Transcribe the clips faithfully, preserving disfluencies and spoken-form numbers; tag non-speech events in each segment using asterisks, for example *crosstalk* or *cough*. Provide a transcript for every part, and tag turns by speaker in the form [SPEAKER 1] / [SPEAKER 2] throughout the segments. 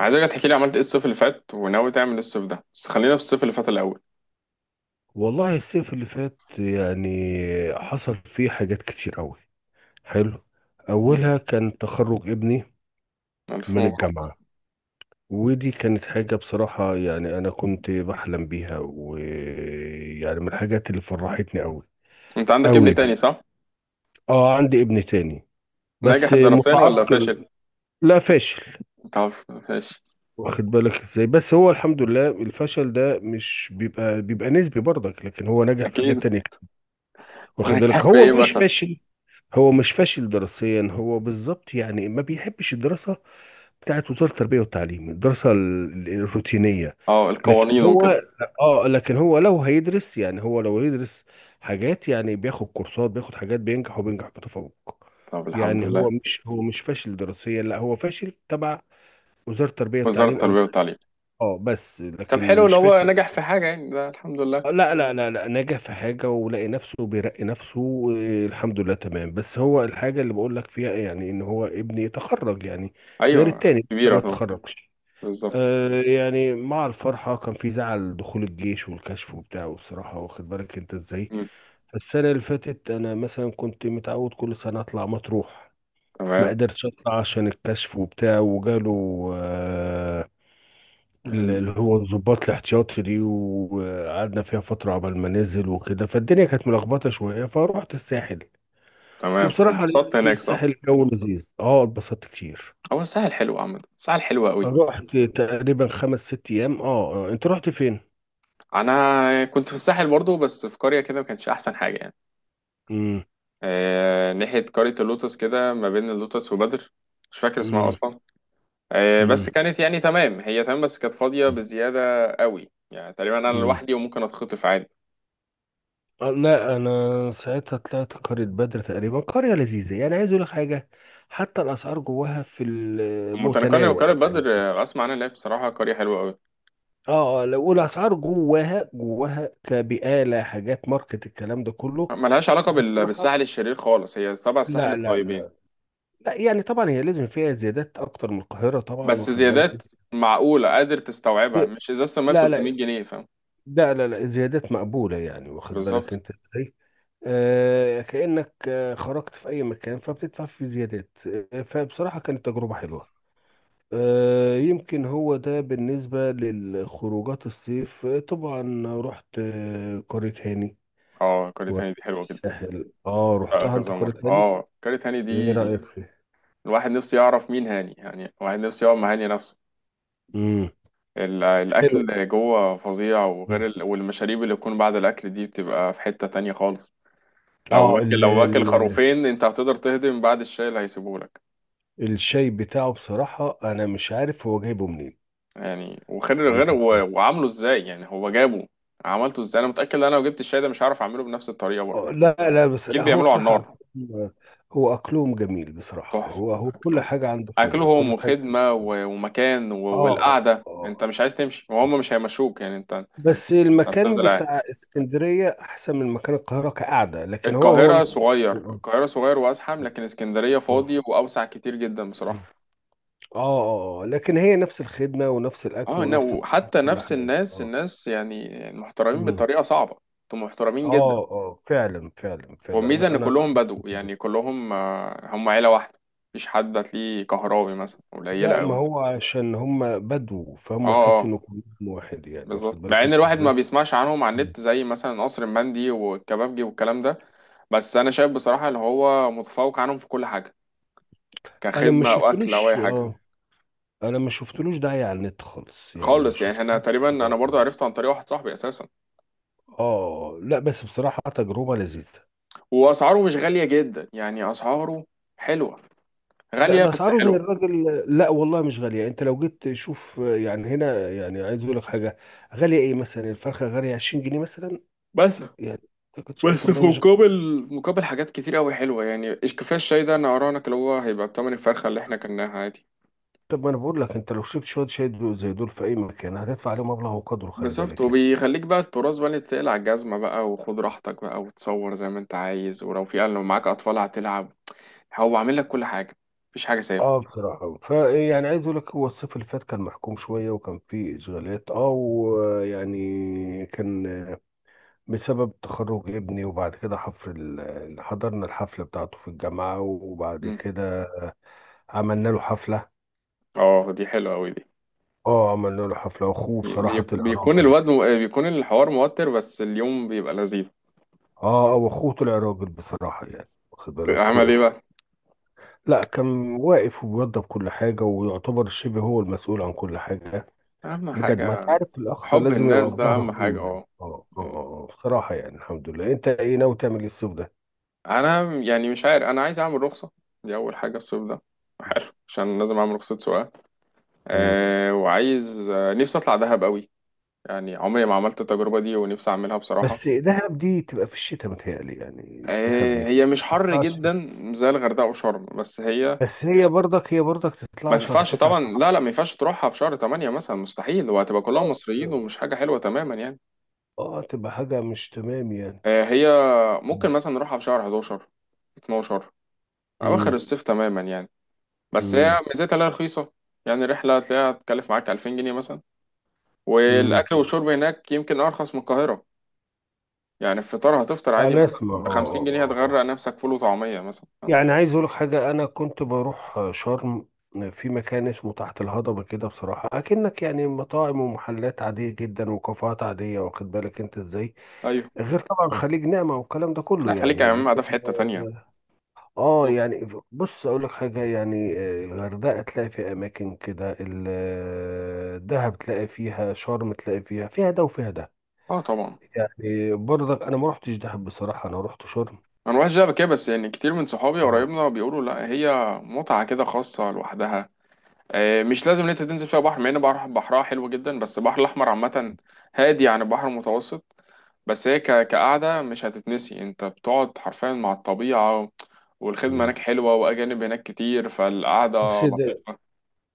[SPEAKER 1] عايزك تحكي لي عملت ايه الصيف اللي فات، وناوي تعمل ايه الصيف ده، بس خلينا في الصيف اللي فات الاول.
[SPEAKER 2] والله الصيف اللي فات، يعني حصل فيه حاجات كتير قوي. حلو.
[SPEAKER 1] مم.
[SPEAKER 2] اولها كان تخرج ابني
[SPEAKER 1] الف
[SPEAKER 2] من
[SPEAKER 1] مبروك.
[SPEAKER 2] الجامعة. ودي كانت حاجة بصراحة، يعني انا كنت بحلم بيها، ويعني من الحاجات اللي فرحتني قوي
[SPEAKER 1] انت عندك
[SPEAKER 2] قوي
[SPEAKER 1] ابن
[SPEAKER 2] يعني.
[SPEAKER 1] تاني صح؟
[SPEAKER 2] اه، عندي ابن تاني بس
[SPEAKER 1] ناجح دراسيا ولا
[SPEAKER 2] متعرق.
[SPEAKER 1] فاشل؟
[SPEAKER 2] لا، فاشل.
[SPEAKER 1] طب. فاشل.
[SPEAKER 2] واخد بالك ازاي؟ بس هو الحمد لله الفشل ده مش بيبقى بيبقى نسبي برضك، لكن هو نجح في حاجات
[SPEAKER 1] اكيد *laughs*
[SPEAKER 2] تانية. واخد
[SPEAKER 1] ناجح
[SPEAKER 2] بالك،
[SPEAKER 1] في
[SPEAKER 2] هو
[SPEAKER 1] ايه
[SPEAKER 2] مش
[SPEAKER 1] مثلا؟
[SPEAKER 2] فاشل. هو مش فاشل دراسيا، هو بالظبط يعني ما بيحبش الدراسة بتاعت وزارة التربية والتعليم، الدراسة ال- ال- الروتينية.
[SPEAKER 1] اه،
[SPEAKER 2] لكن
[SPEAKER 1] القوانين
[SPEAKER 2] هو
[SPEAKER 1] وكده.
[SPEAKER 2] اه لكن هو لو هيدرس، يعني هو لو يدرس حاجات، يعني بياخد كورسات، بياخد حاجات، بينجح وبينجح بتفوق.
[SPEAKER 1] طب الحمد
[SPEAKER 2] يعني هو
[SPEAKER 1] لله.
[SPEAKER 2] مش هو مش فاشل دراسيا، لا هو فاشل تبع وزارة التربية
[SPEAKER 1] وزارة
[SPEAKER 2] والتعليم او.
[SPEAKER 1] التربية والتعليم.
[SPEAKER 2] اه، بس
[SPEAKER 1] طب
[SPEAKER 2] لكن
[SPEAKER 1] حلو،
[SPEAKER 2] مش
[SPEAKER 1] لو هو
[SPEAKER 2] فاشل.
[SPEAKER 1] نجح في حاجة يعني ده الحمد لله.
[SPEAKER 2] لا، لا، لا، لا، نجح في حاجة ولقي نفسه بيرقي نفسه. آه، الحمد لله تمام. بس هو الحاجة اللي بقول لك فيها، يعني ان هو ابني تخرج يعني، غير
[SPEAKER 1] ايوه.
[SPEAKER 2] التاني لسه ما
[SPEAKER 1] كبيرة طبعا.
[SPEAKER 2] تخرجش.
[SPEAKER 1] بالظبط.
[SPEAKER 2] آه، يعني مع الفرحة كان في زعل، دخول الجيش والكشف وبتاعه بصراحة. واخد بالك انت ازاي؟
[SPEAKER 1] مم.
[SPEAKER 2] فالسنة اللي فاتت انا مثلا كنت متعود كل سنة اطلع مطروح. ما
[SPEAKER 1] تمام.
[SPEAKER 2] قدرتش اطلع عشان الكشف وبتاع وجاله آه،
[SPEAKER 1] ال...
[SPEAKER 2] اللي هو الضباط الاحتياطي دي، وقعدنا فيها فترة عبال ما ننزل وكده، فالدنيا كانت ملخبطة شوية، فروحت الساحل.
[SPEAKER 1] تمام،
[SPEAKER 2] وبصراحة لقيت
[SPEAKER 1] واتبسطت
[SPEAKER 2] إن
[SPEAKER 1] هناك صح؟
[SPEAKER 2] الساحل جو لذيذ، اه اتبسطت كتير.
[SPEAKER 1] هو الساحل حلو عامة، الساحل حلو قوي.
[SPEAKER 2] رحت تقريبا خمس ست أيام. اه آه، انت رحت فين؟
[SPEAKER 1] انا كنت في الساحل برضو، بس في قرية كده ما كانش احسن حاجة يعني.
[SPEAKER 2] مم.
[SPEAKER 1] آه، ناحية قرية اللوتس كده، ما بين اللوتس وبدر. مش فاكر اسمها
[SPEAKER 2] مم.
[SPEAKER 1] أصلا. آه،
[SPEAKER 2] مم.
[SPEAKER 1] بس كانت يعني تمام، هي تمام، بس كانت فاضية بزيادة قوي، يعني تقريبا أنا
[SPEAKER 2] مم.
[SPEAKER 1] لوحدي وممكن أتخطف عادي.
[SPEAKER 2] آه، لا، انا ساعتها طلعت قرية بدر. تقريبا قرية لذيذة، يعني عايز اقول لك حاجة، حتى الاسعار جواها في
[SPEAKER 1] متنقلة
[SPEAKER 2] المتناول
[SPEAKER 1] وقرية
[SPEAKER 2] يعني.
[SPEAKER 1] بدر. آه، أسمع عنها إن هي بصراحة قرية حلوة قوي.
[SPEAKER 2] اه اه لو اقول اسعار جواها جواها كبقاله، حاجات ماركت، الكلام ده كله.
[SPEAKER 1] ملهاش علاقة بال-
[SPEAKER 2] بصراحه،
[SPEAKER 1] بالساحل الشرير خالص، هي تبع الساحل
[SPEAKER 2] لا، لا،
[SPEAKER 1] الطيبين.
[SPEAKER 2] لا، لا، يعني طبعا هي لازم فيها زيادات اكتر من القاهره طبعا،
[SPEAKER 1] بس
[SPEAKER 2] واخد بالك
[SPEAKER 1] زيادات
[SPEAKER 2] انت.
[SPEAKER 1] معقولة قادر تستوعبها، مش إزازة المية ب
[SPEAKER 2] لا، لا،
[SPEAKER 1] ثلاثمائة جنيه، فاهم.
[SPEAKER 2] ده لا، لا زيادات مقبوله يعني، واخد بالك
[SPEAKER 1] بالظبط.
[SPEAKER 2] انت ازاي؟ آه، كانك آه، خرجت في اي مكان، فبتدفع في زيادات. آه، فبصراحه كانت تجربه حلوه. آه، يمكن هو ده بالنسبة للخروجات الصيف. آه، طبعا رحت آه، قرية هاني،
[SPEAKER 1] اه قرية
[SPEAKER 2] وقت
[SPEAKER 1] هاني دي
[SPEAKER 2] في
[SPEAKER 1] حلوة جدا.
[SPEAKER 2] الساحل. اه
[SPEAKER 1] آه،
[SPEAKER 2] رحتها انت
[SPEAKER 1] كذا مرة،
[SPEAKER 2] قرية تاني؟
[SPEAKER 1] اه قرية هاني
[SPEAKER 2] ايه
[SPEAKER 1] دي.
[SPEAKER 2] رأيك فيه؟
[SPEAKER 1] الواحد نفسه يعرف مين هاني يعني، الواحد نفسه يقعد مع هاني نفسه.
[SPEAKER 2] امم.
[SPEAKER 1] ال-
[SPEAKER 2] حلو.
[SPEAKER 1] الأكل جوه فظيع،
[SPEAKER 2] مم.
[SPEAKER 1] وغير ال... والمشاريب اللي بتكون بعد الأكل دي بتبقى في حتة تانية خالص. لو
[SPEAKER 2] اه
[SPEAKER 1] واكل،
[SPEAKER 2] ال
[SPEAKER 1] لو واكل
[SPEAKER 2] ال
[SPEAKER 1] خروفين، أنت هتقدر تهضم بعد الشاي اللي هيسيبهولك؟
[SPEAKER 2] الشاي بتاعه بصراحة انا مش عارف هو جايبه منين.
[SPEAKER 1] يعني وغير غير
[SPEAKER 2] ممكن. اه.
[SPEAKER 1] و... وعامله إزاي يعني هو جابه، عملته إزاي؟ أنا متأكد إن أنا لو جبت الشاي ده مش هعرف أعمله بنفس الطريقة برضه.
[SPEAKER 2] آه، لا، لا، بس
[SPEAKER 1] أكيد
[SPEAKER 2] لا، هو
[SPEAKER 1] بيعملوا على
[SPEAKER 2] بصراحة
[SPEAKER 1] النار.
[SPEAKER 2] أكلهم- هو اكلهم جميل بصراحة.
[SPEAKER 1] تحفة.
[SPEAKER 2] هو هو كل
[SPEAKER 1] أكلهم.
[SPEAKER 2] حاجة عنده حلوة،
[SPEAKER 1] أكلهم
[SPEAKER 2] كل حاجة عنده
[SPEAKER 1] وخدمة
[SPEAKER 2] حلوة.
[SPEAKER 1] و... ومكان و...
[SPEAKER 2] اه
[SPEAKER 1] والقعدة،
[SPEAKER 2] اه آه.
[SPEAKER 1] أنت مش عايز تمشي وهم مش هيمشوك يعني، أنت أنت
[SPEAKER 2] بس المكان
[SPEAKER 1] هتفضل قاعد.
[SPEAKER 2] بتاع اسكندرية احسن من مكان القاهرة كقعدة، لكن هو هو
[SPEAKER 1] القاهرة
[SPEAKER 2] نفس الأكل.
[SPEAKER 1] صغير،
[SPEAKER 2] آه،
[SPEAKER 1] القاهرة صغير وأزحم، لكن اسكندرية
[SPEAKER 2] آه.
[SPEAKER 1] فاضي وأوسع كتير جدا
[SPEAKER 2] آه.
[SPEAKER 1] بصراحة.
[SPEAKER 2] اه اه آه. لكن هي نفس الخدمة ونفس الأكل
[SPEAKER 1] اه، نا-
[SPEAKER 2] ونفس
[SPEAKER 1] وحتى
[SPEAKER 2] كل
[SPEAKER 1] نفس
[SPEAKER 2] حاجة.
[SPEAKER 1] الناس،
[SPEAKER 2] اه
[SPEAKER 1] الناس يعني محترمين
[SPEAKER 2] مم.
[SPEAKER 1] بطريقة صعبة. انتوا محترمين جدا.
[SPEAKER 2] اه اه فعلا، فعلا، فعلا،
[SPEAKER 1] والميزة
[SPEAKER 2] أنا
[SPEAKER 1] إن
[SPEAKER 2] أنا
[SPEAKER 1] كلهم
[SPEAKER 2] لاحظت
[SPEAKER 1] بدو،
[SPEAKER 2] كده.
[SPEAKER 1] يعني كلهم، آه، هم عيلة واحدة. مفيش حد هتلاقيه كهراوي مثلا،
[SPEAKER 2] لا،
[SPEAKER 1] قليلة
[SPEAKER 2] ما
[SPEAKER 1] أوي.
[SPEAKER 2] هو عشان هم بدو،
[SPEAKER 1] اه،
[SPEAKER 2] فهم تحس
[SPEAKER 1] اه،
[SPEAKER 2] إنه كلهم واحد، يعني واخد
[SPEAKER 1] بالظبط، مع
[SPEAKER 2] بالك
[SPEAKER 1] إن
[SPEAKER 2] أنت
[SPEAKER 1] الواحد ما
[SPEAKER 2] إزاي؟
[SPEAKER 1] بيسمعش عنهم على
[SPEAKER 2] مم.
[SPEAKER 1] النت زي مثلا قصر المندي والكبابجي والكلام ده. بس أنا شايف بصراحة إن هو متفوق عنهم في كل حاجة،
[SPEAKER 2] أنا ما
[SPEAKER 1] كخدمة وأكل أو
[SPEAKER 2] شفتلوش.
[SPEAKER 1] أي حاجة.
[SPEAKER 2] اه أنا ما شفتلوش داعي على النت خالص، يعني ما
[SPEAKER 1] خالص، يعني انا
[SPEAKER 2] شفتلوش.
[SPEAKER 1] تقريبا انا
[SPEAKER 2] اه
[SPEAKER 1] برضو
[SPEAKER 2] اه
[SPEAKER 1] عرفته عن طريق واحد صاحبي اساسا.
[SPEAKER 2] آه. آه. لا، بس بصراحة تجربة لذيذة.
[SPEAKER 1] واسعاره مش غاليه جدا، يعني اسعاره حلوه.
[SPEAKER 2] ده
[SPEAKER 1] غاليه
[SPEAKER 2] ده
[SPEAKER 1] بس
[SPEAKER 2] اسعاره زي
[SPEAKER 1] حلوه.
[SPEAKER 2] الراجل، لا والله مش غاليه. انت لو جيت تشوف يعني هنا، يعني عايز اقول لك حاجه، غاليه ايه؟ مثلا الفرخه غاليه عشرين جنيه مثلا
[SPEAKER 1] بس
[SPEAKER 2] يعني. ما كنتش-
[SPEAKER 1] بس
[SPEAKER 2] طب ما
[SPEAKER 1] في
[SPEAKER 2] هي مش
[SPEAKER 1] مقابل
[SPEAKER 2] غالية.
[SPEAKER 1] مقابل حاجات كتير قوي حلوه، يعني إيش كفايه الشاي ده، انا اراهنك اللي هو هيبقى بتمن الفرخه اللي احنا كلناها عادي.
[SPEAKER 2] طب ما انا بقول لك، انت لو شربت شويه شاي دول- زي دول في اي مكان هتدفع عليهم مبلغ وقدره، خلي
[SPEAKER 1] بالظبط،
[SPEAKER 2] بالك يعني.
[SPEAKER 1] وبيخليك بقى التراث بقى اللي تقلع على الجزمه بقى، وخد راحتك بقى وتصور زي ما انت عايز، ولو في لو معاك اطفال هتلعب، هو عامل لك كل حاجه، مفيش حاجه سايبه.
[SPEAKER 2] اه بصراحه فيعني عايز اقول لك، هو الصيف اللي فات كان محكوم شويه، وكان فيه اشغالات، اه ويعني كان بسبب تخرج ابني. وبعد كده حفر ال- حضرنا الحفله بتاعته في الجامعه، وبعد
[SPEAKER 1] مم.
[SPEAKER 2] كده عملنا له حفلة.
[SPEAKER 1] اه دي حلوه قوي دي.
[SPEAKER 2] اه عملنا له حفلة، واخوه
[SPEAKER 1] بي-
[SPEAKER 2] بصراحة طلع
[SPEAKER 1] بيكون
[SPEAKER 2] راجل.
[SPEAKER 1] الواد، بيكون الحوار موتر بس اليوم بيبقى لذيذ.
[SPEAKER 2] اه اه واخوه طلع راجل بصراحة، يعني واخد بالك،
[SPEAKER 1] عمل ايه
[SPEAKER 2] وقف.
[SPEAKER 1] بقى؟
[SPEAKER 2] لا، كان واقف وبيوضب كل حاجة، ويعتبر شبه هو المسؤول عن كل حاجة.
[SPEAKER 1] اهم
[SPEAKER 2] بجد، ما
[SPEAKER 1] حاجة.
[SPEAKER 2] تعرف الأخ
[SPEAKER 1] حب
[SPEAKER 2] لازم يبقى
[SPEAKER 1] الناس
[SPEAKER 2] في
[SPEAKER 1] ده
[SPEAKER 2] ظهر
[SPEAKER 1] اهم حاجة،
[SPEAKER 2] أخوه يعني.
[SPEAKER 1] اه.
[SPEAKER 2] اه اه اه آه، بصراحة يعني الحمد لله. أنت إيه ناوي تعمل إيه الصيف ده؟
[SPEAKER 1] انا يعني مش عارف، انا عايز اعمل رخصة، دي اول حاجة الصيف ده. حلو عشان لازم اعمل رخصة سواقة.
[SPEAKER 2] مم.
[SPEAKER 1] أه وعايز، آه، نفسي اطلع دهب قوي، يعني عمري ما عملت التجربة دي ونفسي اعملها بصراحة.
[SPEAKER 2] بس دهب دي تبقى في الشتاء متهيألي، يعني دهب
[SPEAKER 1] أه
[SPEAKER 2] يعني.
[SPEAKER 1] هي مش
[SPEAKER 2] ما
[SPEAKER 1] حر
[SPEAKER 2] تطلعش.
[SPEAKER 1] جدا زي الغردقة وشرم، بس هي
[SPEAKER 2] بس هي برضك هي برضك
[SPEAKER 1] ما
[SPEAKER 2] تطلع شهر
[SPEAKER 1] تنفعش
[SPEAKER 2] تسعة،
[SPEAKER 1] طبعا،
[SPEAKER 2] شهر
[SPEAKER 1] لا لا، ما ينفعش تروحها في شهر تمانية مثلا، مستحيل، وهتبقى كلهم مصريين
[SPEAKER 2] عشرة.
[SPEAKER 1] ومش حاجة حلوة تماما يعني.
[SPEAKER 2] اه تبقى حاجة مش تمام يعني.
[SPEAKER 1] آه، هي
[SPEAKER 2] مم.
[SPEAKER 1] ممكن مثلا نروحها في شهر حداشر، اتناشر، أواخر
[SPEAKER 2] امم.
[SPEAKER 1] الصيف تماما يعني. بس هي
[SPEAKER 2] امم.
[SPEAKER 1] ميزتها لها رخيصة، يعني الرحلة هتلاقيها تكلف معاك ألفين جنيه مثلا،
[SPEAKER 2] امم.
[SPEAKER 1] والأكل والشرب هناك يمكن أرخص من القاهرة. يعني الفطار هتفطر عادي
[SPEAKER 2] انا
[SPEAKER 1] مثلا
[SPEAKER 2] اسمع. اه
[SPEAKER 1] ب 50
[SPEAKER 2] اه
[SPEAKER 1] جنيه
[SPEAKER 2] اه آه.
[SPEAKER 1] هتغرق
[SPEAKER 2] آه.
[SPEAKER 1] نفسك فول وطعمية مثلا.
[SPEAKER 2] يعني عايز اقول لك حاجة، انا كنت بروح شرم، في مكان اسمه تحت الهضبة كده، بصراحة اكنك يعني مطاعم ومحلات عادية جدا وكافيهات عادية، واخد بالك انت ازاي؟
[SPEAKER 1] أيوه.
[SPEAKER 2] غير طبعا خليج نعمة والكلام ده كله
[SPEAKER 1] لا خليك يا
[SPEAKER 2] يعني،
[SPEAKER 1] عم،
[SPEAKER 2] لكن
[SPEAKER 1] ده في حتة تانية.
[SPEAKER 2] اه آه، يعني بص اقول لك حاجه، يعني آه، الغردقه تلاقي فيها اماكن كده، ال- آه، دهب تلاقي فيها، شرم تلاقي فيها، فيها ده وفيها ده.
[SPEAKER 1] اه طبعا.
[SPEAKER 2] يعني برضك انا ما رحتش دهب بصراحه، انا رحت شرم.
[SPEAKER 1] انا الواحد شايف كده، بس يعني كتير من صحابي
[SPEAKER 2] اه.
[SPEAKER 1] وقرايبنا بيقولوا لا، هي متعه كده خاصه لوحدها. آه، مش لازم ان انت تنزل فيها بحر، مع ان بحر بحرها حلو جدا، بس البحر الاحمر عامه هادي عن البحر المتوسط. بس هي ك- كقعده مش هتتنسي، انت بتقعد حرفيا مع الطبيعه، والخدمه
[SPEAKER 2] مم.
[SPEAKER 1] هناك حلوه، واجانب هناك كتير، فالقعده
[SPEAKER 2] بس ده،
[SPEAKER 1] لطيفه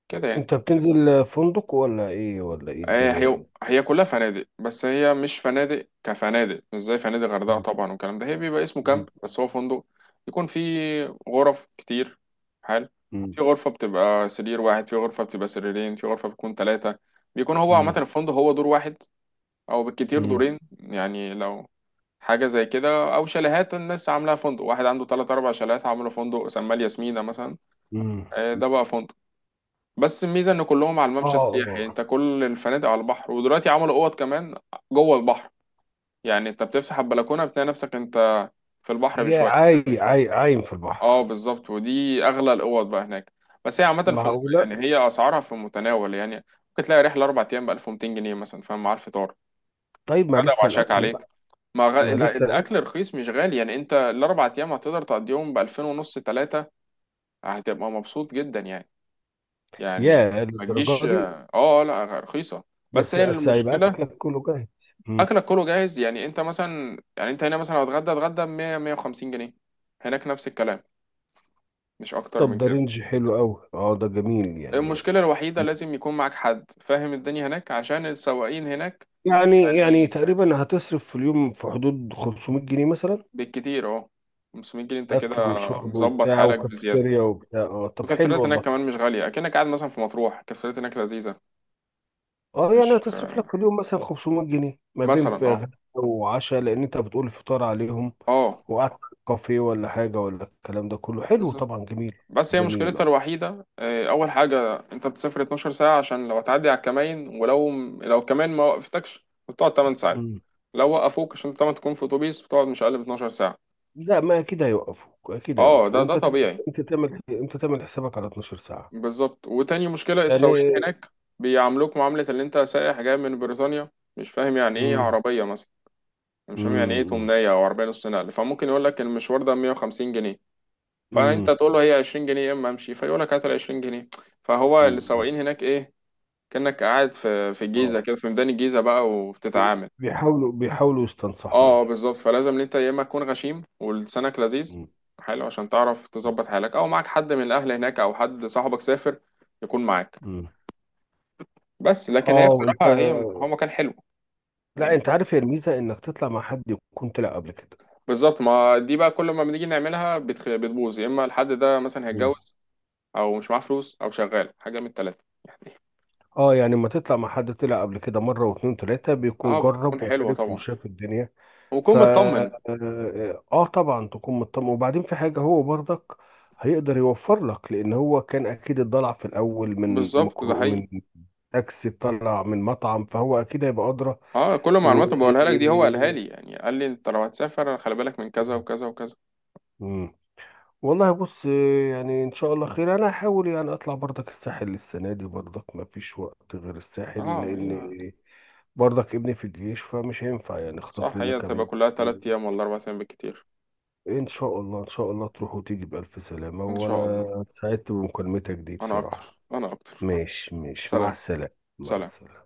[SPEAKER 1] كده يعني.
[SPEAKER 2] انت بتنزل فندق ولا ايه، ولا ايه
[SPEAKER 1] هي
[SPEAKER 2] الدنيا
[SPEAKER 1] هي
[SPEAKER 2] يعني؟
[SPEAKER 1] هي كلها فنادق، بس هي مش فنادق كفنادق، مش زي فنادق غردقة
[SPEAKER 2] مم.
[SPEAKER 1] طبعا والكلام ده، هي بيبقى اسمه كامب بس هو فندق، يكون فيه غرف كتير. حلو.
[SPEAKER 2] مم.
[SPEAKER 1] في غرفة بتبقى سرير واحد، في غرفة بتبقى سريرين، في غرفة بتكون ثلاثة. بيكون هو عامة
[SPEAKER 2] مم.
[SPEAKER 1] الفندق هو دور واحد، أو بالكتير
[SPEAKER 2] مم.
[SPEAKER 1] دورين، يعني لو حاجة زي كده، أو شاليهات الناس عاملاها فندق، واحد عنده تلات أربع شاليهات عامله فندق سماه الياسمينة مثلا.
[SPEAKER 2] مم.
[SPEAKER 1] آه، ده بقى فندق. بس الميزه ان كلهم على الممشى
[SPEAKER 2] اه
[SPEAKER 1] السياحي، يعني
[SPEAKER 2] اه
[SPEAKER 1] انت كل الفنادق على البحر، ودلوقتي عملوا اوض كمان جوه البحر، يعني انت بتفتح البلكونه بتلاقي نفسك انت في البحر
[SPEAKER 2] يا
[SPEAKER 1] بشويه.
[SPEAKER 2] عاي عاي عايم في
[SPEAKER 1] اه
[SPEAKER 2] البحر؟
[SPEAKER 1] بالظبط، ودي اغلى الاوض بقى هناك. بس هي عامه في الم...
[SPEAKER 2] معقولة!
[SPEAKER 1] يعني هي اسعارها في المتناول يعني، ممكن تلاقي رحله اربع ايام ب ألف ومئتين جنيه مثلا، فاهم، مع الفطار،
[SPEAKER 2] طيب، ما
[SPEAKER 1] غدا
[SPEAKER 2] لسه
[SPEAKER 1] وعشاك
[SPEAKER 2] الأكل
[SPEAKER 1] عليك.
[SPEAKER 2] بقى.
[SPEAKER 1] ما غ...
[SPEAKER 2] ما
[SPEAKER 1] ال-
[SPEAKER 2] لسه
[SPEAKER 1] الاكل
[SPEAKER 2] الأكل.
[SPEAKER 1] رخيص مش غالي، يعني انت الاربع ايام هتقدر تقضيهم ب ألفين ونص، ثلاثه، هتبقى مبسوط جدا يعني. يعني
[SPEAKER 2] يا
[SPEAKER 1] ما تجيش،
[SPEAKER 2] للدرجة دي!
[SPEAKER 1] اه، آه، لا رخيصه. بس
[SPEAKER 2] بس
[SPEAKER 1] هي
[SPEAKER 2] بس هيبقى
[SPEAKER 1] المشكله
[SPEAKER 2] أكلك كله جاهز. مم.
[SPEAKER 1] اكلك كله جاهز، يعني انت مثلا، يعني انت هنا مثلا لو اتغدى، اتغدى ب مية، مية وخمسين جنيه، هناك نفس الكلام، مش اكتر
[SPEAKER 2] طب
[SPEAKER 1] من
[SPEAKER 2] ده
[SPEAKER 1] كده.
[SPEAKER 2] رينج حلو أوي. اه ده جميل يعني.
[SPEAKER 1] المشكله الوحيده لازم يكون معاك حد فاهم الدنيا هناك عشان السواقين هناك
[SPEAKER 2] يعني يعني
[SPEAKER 1] يعني،
[SPEAKER 2] تقريبا هتصرف في اليوم في حدود خمسمية جنيه مثلا،
[SPEAKER 1] بالكتير اهو خمسمية جنيه، انت كده
[SPEAKER 2] اكل وشرب
[SPEAKER 1] مظبط
[SPEAKER 2] وبتاع
[SPEAKER 1] حالك بزياده.
[SPEAKER 2] وكافيتيريا وبتاع. اه طب حلو
[SPEAKER 1] والكافتريات هناك
[SPEAKER 2] والله.
[SPEAKER 1] كمان مش غاليه، اكنك قاعد مثلا في مطروح، الكافتريات هناك لذيذه.
[SPEAKER 2] اه يعني
[SPEAKER 1] مش،
[SPEAKER 2] هتصرف لك
[SPEAKER 1] آه،
[SPEAKER 2] في اليوم مثلا خمسمائة جنيه ما بين
[SPEAKER 1] مثلا،
[SPEAKER 2] في
[SPEAKER 1] اه،
[SPEAKER 2] غدا وعشاء، لان انت بتقول فطار عليهم،
[SPEAKER 1] اه،
[SPEAKER 2] وقعدت في كافيه ولا حاجه، ولا الكلام ده كله. حلو
[SPEAKER 1] بس
[SPEAKER 2] طبعا، جميل.
[SPEAKER 1] بس هي
[SPEAKER 2] جميل.
[SPEAKER 1] مشكلتها
[SPEAKER 2] اه
[SPEAKER 1] الوحيدة، آه، أول حاجة أنت بتسافر 12 ساعة، عشان لو هتعدي على الكماين، ولو لو كمان ما وقفتكش بتقعد 8 ساعات،
[SPEAKER 2] مم.
[SPEAKER 1] لو وقفوك عشان طبعا تكون في أتوبيس بتقعد مش أقل من 12 ساعة.
[SPEAKER 2] لا، ما اكيد هيوقفوك، اكيد
[SPEAKER 1] أه
[SPEAKER 2] هيوقفوك.
[SPEAKER 1] ده، ده
[SPEAKER 2] انت تعمل-
[SPEAKER 1] طبيعي.
[SPEAKER 2] انت تعمل انت تعمل حسابك على 12 ساعه
[SPEAKER 1] بالظبط، وتاني مشكلة السواقين
[SPEAKER 2] يعني.
[SPEAKER 1] هناك، بيعاملوك معاملة اللي أنت سائح جاي من بريطانيا، مش فاهم يعني إيه
[SPEAKER 2] امم.
[SPEAKER 1] عربية مثلا، مش فاهم يعني إيه تمنية أو عربية نص نقل، فممكن يقول لك المشوار ده مئة وخمسين جنيه، فأنت
[SPEAKER 2] امم.
[SPEAKER 1] تقول له هي عشرين جنيه يا إما أمشي، فيقول لك هات ال عشرين جنيه. فهو
[SPEAKER 2] امم.
[SPEAKER 1] السواقين هناك إيه، كأنك قاعد في في الجيزة كده، في ميدان الجيزة بقى
[SPEAKER 2] بي-
[SPEAKER 1] وبتتعامل.
[SPEAKER 2] بيحاولوا بيحاولوا
[SPEAKER 1] اه،
[SPEAKER 2] يستنصحوا
[SPEAKER 1] آه،
[SPEAKER 2] يعني.
[SPEAKER 1] بالظبط، فلازم إن انت يا اما تكون غشيم ولسانك لذيذ
[SPEAKER 2] مم.
[SPEAKER 1] حلو، عشان تعرف تظبط حالك، او معاك حد من الاهل هناك او حد صاحبك سافر يكون معاك.
[SPEAKER 2] مم.
[SPEAKER 1] بس لكن
[SPEAKER 2] اه
[SPEAKER 1] هي
[SPEAKER 2] وانت.
[SPEAKER 1] بصراحة، هي هو مكان حلو
[SPEAKER 2] لا،
[SPEAKER 1] يعني.
[SPEAKER 2] انت عارف هي الميزه انك تطلع مع حد يكون طلع قبل كده.
[SPEAKER 1] بالظبط، ما دي بقى كل ما بنيجي نعملها بتخ... بتبوظ، يا اما الحد ده مثلا
[SPEAKER 2] مم.
[SPEAKER 1] هيتجوز، او مش معاه فلوس، او شغال، حاجة من التلاتة يعني.
[SPEAKER 2] اه يعني لما تطلع مع حد طلع قبل كده مره واتنين تلاته، بيكون
[SPEAKER 1] اه، بتكون
[SPEAKER 2] جرب
[SPEAKER 1] حلوة
[SPEAKER 2] وعرف
[SPEAKER 1] طبعا،
[SPEAKER 2] وشاف الدنيا. ف
[SPEAKER 1] وكون مطمن.
[SPEAKER 2] اه آه طبعا تكون مطمئن، وبعدين في حاجه هو برضك هيقدر يوفر لك، لان هو كان اكيد اتضلع في الاول، من
[SPEAKER 1] بالظبط ده
[SPEAKER 2] مكرو، من
[SPEAKER 1] حقيقي.
[SPEAKER 2] تاكسي، طلع من مطعم، فهو اكيد هيبقى ادرى.
[SPEAKER 1] اه، كل
[SPEAKER 2] و.
[SPEAKER 1] المعلومات اللي بقولها لك دي هو قالها لي، يعني قال لي انت لو هتسافر خلي بالك من كذا وكذا وكذا.
[SPEAKER 2] مم. والله بص، يعني ان شاء الله خير. انا هحاول يعني اطلع برضك الساحل السنه دي، برضك ما فيش وقت غير الساحل،
[SPEAKER 1] اه هي.
[SPEAKER 2] لان برضك ابني في الجيش، فمش هينفع يعني، اخطف
[SPEAKER 1] صح،
[SPEAKER 2] لنا
[SPEAKER 1] هي
[SPEAKER 2] كام
[SPEAKER 1] تبقى
[SPEAKER 2] يوم.
[SPEAKER 1] كلها تلات ايام ولا اربع ايام بالكتير.
[SPEAKER 2] ان شاء الله، ان شاء الله تروح وتيجي بالف سلامه،
[SPEAKER 1] ان شاء
[SPEAKER 2] وانا
[SPEAKER 1] الله.
[SPEAKER 2] سعدت بمكالمتك دي
[SPEAKER 1] انا
[SPEAKER 2] بصراحه.
[SPEAKER 1] اكتر، انا اكتر.
[SPEAKER 2] ماشي، ماشي، مع
[SPEAKER 1] سلام.
[SPEAKER 2] السلامه، مع
[SPEAKER 1] سلام.
[SPEAKER 2] السلامه.